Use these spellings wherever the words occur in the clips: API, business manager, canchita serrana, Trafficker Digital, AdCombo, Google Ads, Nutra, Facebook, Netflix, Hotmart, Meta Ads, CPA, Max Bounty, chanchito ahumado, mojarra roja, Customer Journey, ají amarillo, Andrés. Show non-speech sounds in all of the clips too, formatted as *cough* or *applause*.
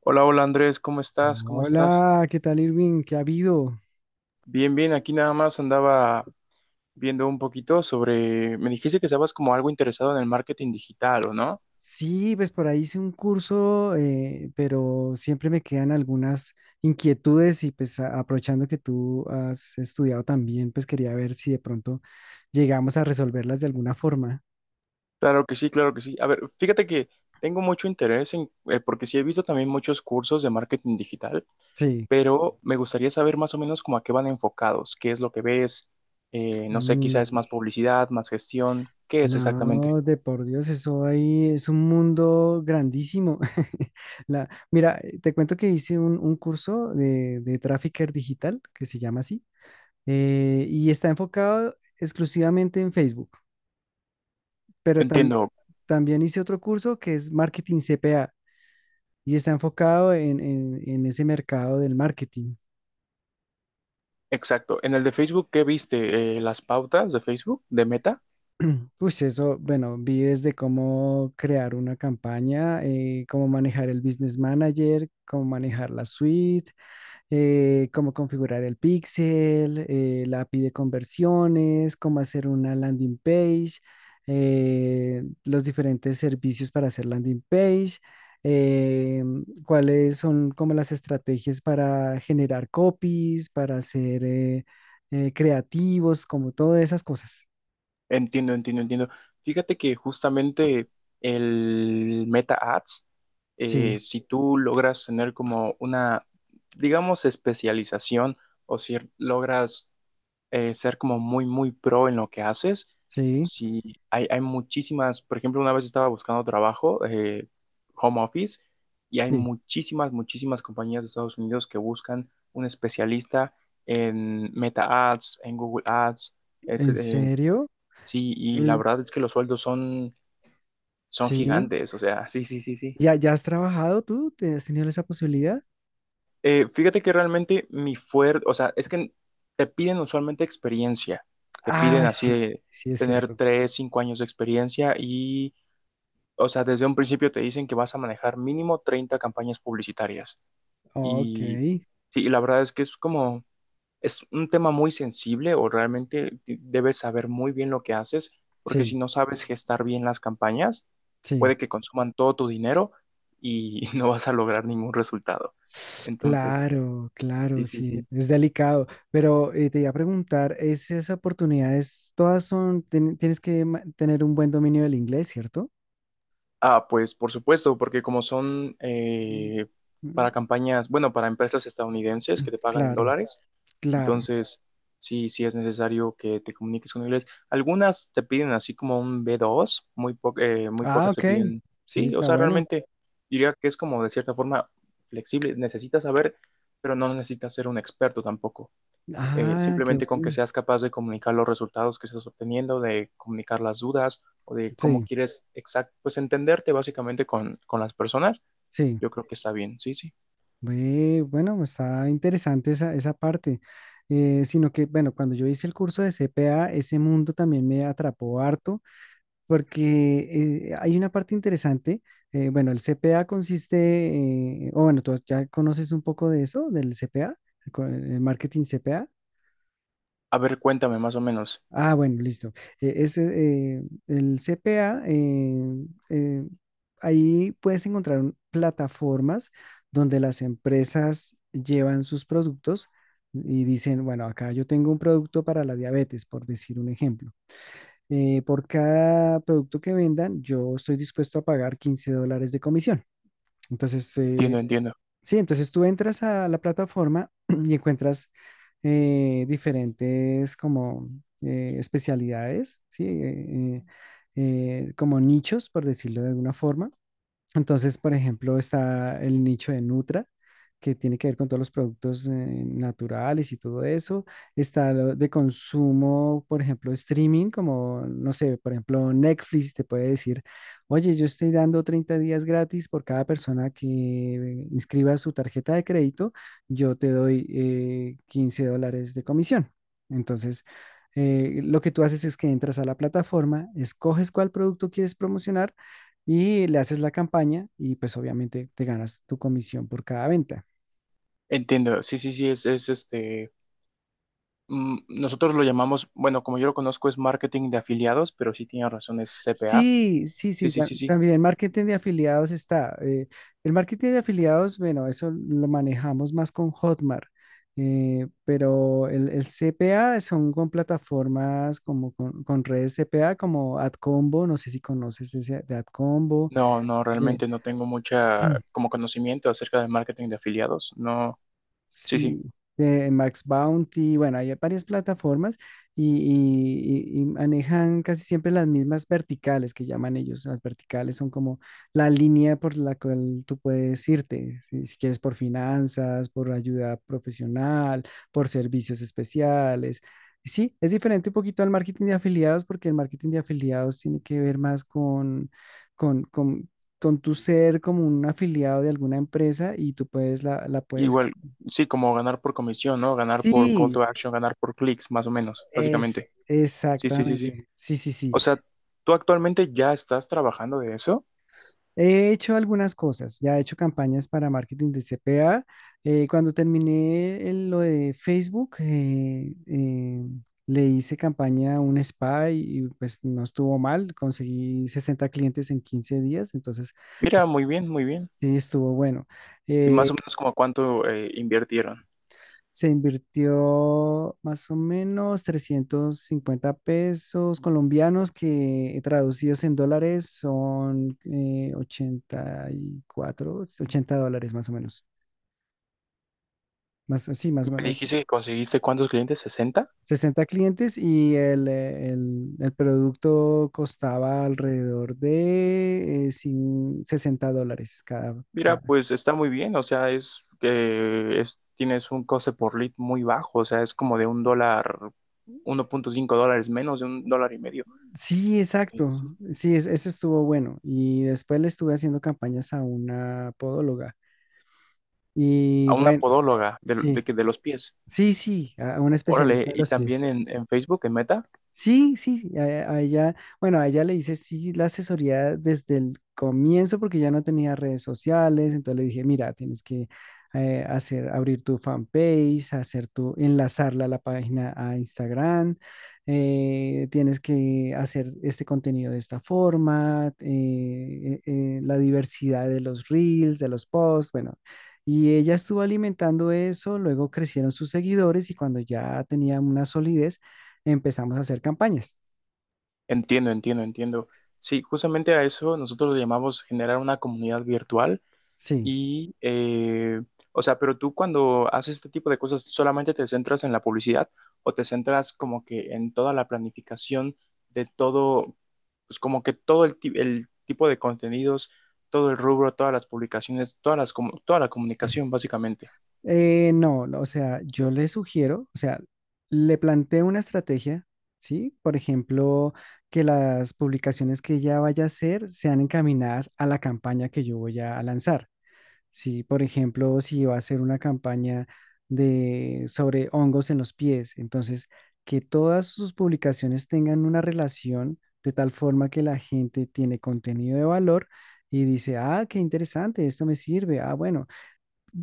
Hola, hola Andrés, ¿cómo estás? ¿Cómo estás? Hola, ¿qué tal Irving? ¿Qué ha habido? Bien, bien, aquí nada más andaba viendo un poquito sobre, me dijiste que estabas como algo interesado en el marketing digital, ¿o no? Sí, pues por ahí hice un curso, pero siempre me quedan algunas inquietudes y pues aprovechando que tú has estudiado también, pues quería ver si de pronto llegamos a resolverlas de alguna forma. Claro que sí, claro que sí. A ver, fíjate que tengo mucho interés en, porque sí he visto también muchos cursos de marketing digital, Sí. pero me gustaría saber más o menos como a qué van enfocados, qué es lo que ves, no sé, quizás Mm. es más publicidad, más gestión, ¿qué es exactamente? No, de por Dios, eso ahí es un mundo grandísimo. *laughs* Mira, te cuento que hice un curso de Trafficker Digital, que se llama así. Y está enfocado exclusivamente en Facebook, pero Entiendo, también hice otro curso que es marketing CPA y está enfocado en ese mercado del marketing. exacto. En el de Facebook, ¿qué viste? ¿Las pautas de Facebook, de Meta? *clears throat* Pues eso, bueno, vi desde cómo crear una campaña, cómo manejar el business manager, cómo manejar la suite, cómo configurar el pixel, la API de conversiones, cómo hacer una landing page, los diferentes servicios para hacer landing page, eh, cuáles son como las estrategias para generar copies, para ser creativos, como todas esas cosas. Entiendo, entiendo, entiendo. Fíjate que justamente el Meta Ads, Sí, si tú logras tener como una, digamos, especialización o si logras ser como muy, muy pro en lo que haces, sí, si hay muchísimas, por ejemplo, una vez estaba buscando trabajo, home office, y hay sí. muchísimas, muchísimas compañías de Estados Unidos que buscan un especialista en Meta Ads, en Google Ads. ¿En serio? Sí, y la Mm. verdad es que los sueldos son Sí. gigantes, o sea, sí, sí, sí, sí. ¿Ya has trabajado tú? ¿Has tenido esa posibilidad? Fíjate que realmente mi fuerte, o sea, es que te piden usualmente experiencia, te piden Ah, así sí, de sí, es tener cierto. 3, 5 años de experiencia y, o sea, desde un principio te dicen que vas a manejar mínimo 30 campañas publicitarias. Ok, Y sí, la verdad es que es como, es un tema muy sensible o realmente debes saber muy bien lo que haces, porque sí, si no sabes gestar bien las campañas, sí. puede que consuman todo tu dinero y *laughs* no vas a lograr ningún resultado. Entonces, Claro, claro, sí, sí, sí, sí. es delicado. Pero te iba a preguntar, ¿es esas oportunidades, todas son, tienes que tener un buen dominio del inglés, ¿cierto? Ah, pues por supuesto, porque como son Mm. Mm. para campañas, bueno, para empresas estadounidenses que te pagan en Claro, dólares. claro. Entonces, sí, sí es necesario que te comuniques con inglés. Algunas te piden así como un B2 muy Ah, pocas te ok, piden, sí, sí, o está sea, bueno. realmente diría que es como de cierta forma flexible. Necesitas saber, pero no necesitas ser un experto tampoco. Ah, qué Simplemente con que bueno. seas capaz de comunicar los resultados que estás obteniendo, de comunicar las dudas o de cómo Sí, quieres exact pues entenderte básicamente con las personas, sí. yo creo que está bien, sí, sí. Ve. Bueno, está interesante esa parte. Sino que, bueno, cuando yo hice el curso de CPA, ese mundo también me atrapó harto porque hay una parte interesante. Bueno, el CPA consiste, o bueno, tú ya conoces un poco de eso, del CPA, el marketing CPA. A ver, cuéntame más o menos. Ah, bueno, listo. Ese, el CPA, eh, ahí puedes encontrar plataformas donde las empresas llevan sus productos y dicen, bueno, acá yo tengo un producto para la diabetes, por decir un ejemplo. Por cada producto que vendan, yo estoy dispuesto a pagar $15 de comisión. Entonces, Entiendo, entiendo. sí, entonces tú entras a la plataforma *clears throat* y encuentras diferentes como especialidades, ¿sí? Como nichos, por decirlo de alguna forma. Entonces, por ejemplo, está el nicho de Nutra, que tiene que ver con todos los productos naturales y todo eso. Está lo de consumo, por ejemplo, streaming, como, no sé, por ejemplo, Netflix te puede decir, oye, yo estoy dando 30 días gratis por cada persona que inscriba su tarjeta de crédito, yo te doy $15 de comisión. Entonces, lo que tú haces es que entras a la plataforma, escoges cuál producto quieres promocionar y le haces la campaña y pues obviamente te ganas tu comisión por cada venta. Entiendo, sí, sí, sí, es, este, nosotros lo llamamos, bueno, como yo lo conozco es marketing de afiliados, pero sí tiene razón, es CPA. Sí, sí, Sí, sí, sí, sí, sí. también el marketing de afiliados está. El marketing de afiliados, bueno, eso lo manejamos más con Hotmart, pero el CPA son con plataformas como con redes CPA como AdCombo, no sé si conoces ese de AdCombo, No, no, de, realmente no tengo mucha *clears throat* como conocimiento acerca del marketing de afiliados. No, sí, sí. Sí, de Max Bounty, bueno, hay varias plataformas y manejan casi siempre las mismas verticales que llaman ellos. Las verticales son como la línea por la cual tú puedes irte, si quieres por finanzas, por ayuda profesional, por servicios especiales. Sí, es diferente un poquito al marketing de afiliados porque el marketing de afiliados tiene que ver más con, con, con tu ser como un afiliado de alguna empresa y tú puedes la puedes. Igual, sí, como ganar por comisión, ¿no? Ganar por call to Sí, action, ganar por clics, más o menos, es básicamente. Sí, sí, sí, sí. exactamente. Sí, sí, sí. O sea, ¿tú actualmente ya estás trabajando de eso? He hecho algunas cosas. Ya he hecho campañas para marketing de C CPA. Cuando terminé lo de Facebook, le hice campaña a un spa y, pues no estuvo mal. Conseguí 60 clientes en 15 días. Entonces, Mira, est- muy bien, muy bien. sí, estuvo bueno. Y más o Eh, menos como cuánto invirtieron. Se invirtió más o menos 350 pesos colombianos que traducidos en dólares son $84.80 más o menos. Más, sí, Y más o me menos. Dijiste que conseguiste cuántos clientes, 60. 60 clientes y el producto costaba alrededor de $60 Mira, pues está muy bien, o sea, es que tienes un coste por lead muy bajo, o sea, es como de un dólar, 1.5 dólares menos de un dólar y medio. Sí, Sí. exacto. Sí, es- ese estuvo bueno. Y después le estuve haciendo campañas a una podóloga. Y A una bueno, podóloga de, sí, de los pies. sí, sí, a un Órale, especialista de y los también pies. En Facebook, en Meta. Sí, sí, a ella, bueno, a ella le hice sí la asesoría desde el comienzo porque ya no tenía redes sociales, entonces le dije, mira, tienes que hacer, abrir tu fanpage, hacer tu, enlazarla a la página a Instagram, tienes que hacer este contenido de esta forma, la diversidad de los reels, de los posts, bueno. Y ella estuvo alimentando eso, luego crecieron sus seguidores y cuando ya tenía una solidez, empezamos a hacer campañas. Entiendo, entiendo, entiendo. Sí, justamente a eso nosotros le llamamos generar una comunidad virtual. Sí, Y, o sea, pero tú cuando haces este tipo de cosas, ¿solamente te centras en la publicidad o te centras como que en toda la planificación de todo, pues como que el tipo de contenidos, todo el rubro, todas las publicaciones, toda la comunicación, básicamente? No, no, o sea, yo le sugiero, o sea, le planteo una estrategia, ¿sí? Por ejemplo, que las publicaciones que ella vaya a hacer sean encaminadas a la campaña que yo voy a lanzar. Sí, por ejemplo, si va a hacer una campaña sobre hongos en los pies, entonces que todas sus publicaciones tengan una relación de tal forma que la gente tiene contenido de valor y dice, ah, qué interesante, esto me sirve, ah, bueno,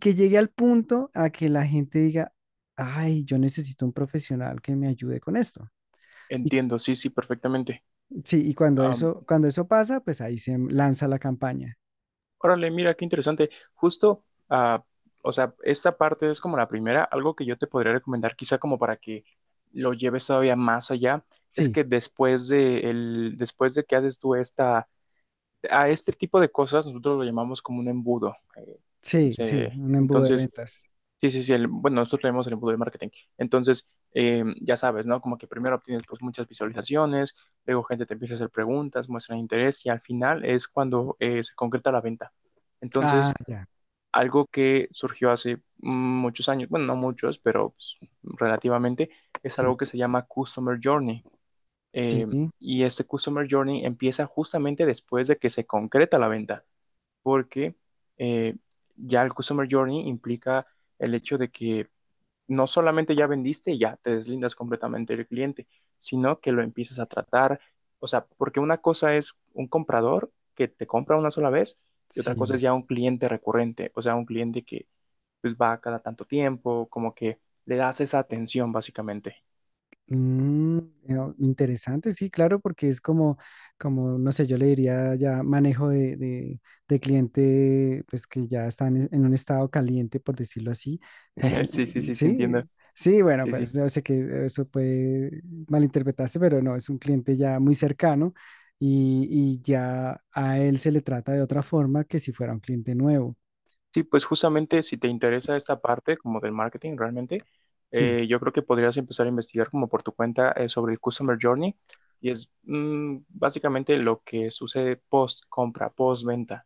que llegue al punto a que la gente diga, ay, yo necesito un profesional que me ayude con esto. Y Entiendo, sí, sí, perfectamente. sí, y cuando eso pasa, pues ahí se lanza la campaña. Órale, mira, qué interesante. Justo, ah, o sea, esta parte es como la primera. Algo que yo te podría recomendar, quizá como para que lo lleves todavía más allá, es Sí, que después de que haces tú a este tipo de cosas, nosotros lo llamamos como un embudo. Sí, sí, un embudo de Entonces, ventas. sí, sí, sí. Bueno, nosotros leemos el embudo de marketing. Entonces, ya sabes, ¿no? Como que primero obtienes pues muchas visualizaciones, luego gente te empieza a hacer preguntas, muestran interés y al final es cuando se concreta la venta. Ah, Entonces, ya, algo que surgió hace muchos años, bueno, no muchos, pero pues, relativamente, es sí. algo que se llama Customer Journey. Eh, Sí, y este Customer Journey empieza justamente después de que se concreta la venta, porque eh, ya el Customer Journey implica el hecho de que no solamente ya vendiste y ya te deslindas completamente del cliente, sino que lo empiezas a tratar, o sea, porque una cosa es un comprador que te compra una sola vez y otra cosa sí. es ya un cliente recurrente, o sea, un cliente que pues va cada tanto tiempo, como que le das esa atención básicamente. Mm, interesante, sí, claro, porque es como, no sé, yo le diría ya manejo de cliente, pues que ya están en un estado caliente, por decirlo así. *laughs* Mm, *laughs* Sí, sí, mm, sí, sí, sí, entiendo. sí, bueno, Sí, sí. pues yo sé que eso puede malinterpretarse, pero no, es un cliente ya muy cercano y, y ya a él se le trata de otra forma que si fuera un cliente nuevo. Sí, pues justamente si te interesa esta parte como del marketing realmente, Sí, yo creo que podrías empezar a investigar como por tu cuenta sobre el Customer Journey y es básicamente lo que sucede post compra, post venta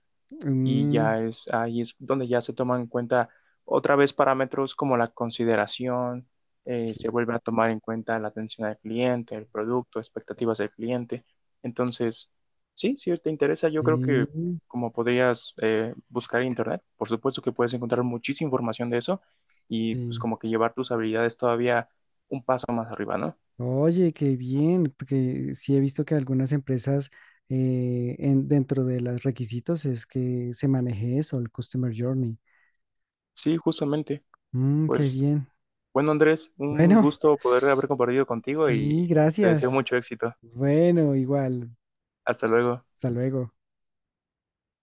y mm, ya es ahí es donde ya se toman en cuenta otra vez parámetros como la consideración, sí, se vuelve a tomar en cuenta la atención al cliente, el producto, expectativas del cliente. Entonces, sí, si te interesa, yo creo sí, que como podrías buscar en internet, por supuesto que puedes encontrar muchísima información de eso y pues sí. como que llevar tus habilidades todavía un paso más arriba, ¿no? Oye, qué bien, porque sí he visto que algunas empresas dentro de los requisitos es que se maneje eso, el Customer Journey. Sí, justamente. Mm, qué Pues bien. bueno, Andrés, un Bueno, gusto poder haber compartido *laughs* contigo sí, y te deseo gracias. mucho éxito. Bueno, igual. Hasta luego. Hasta luego.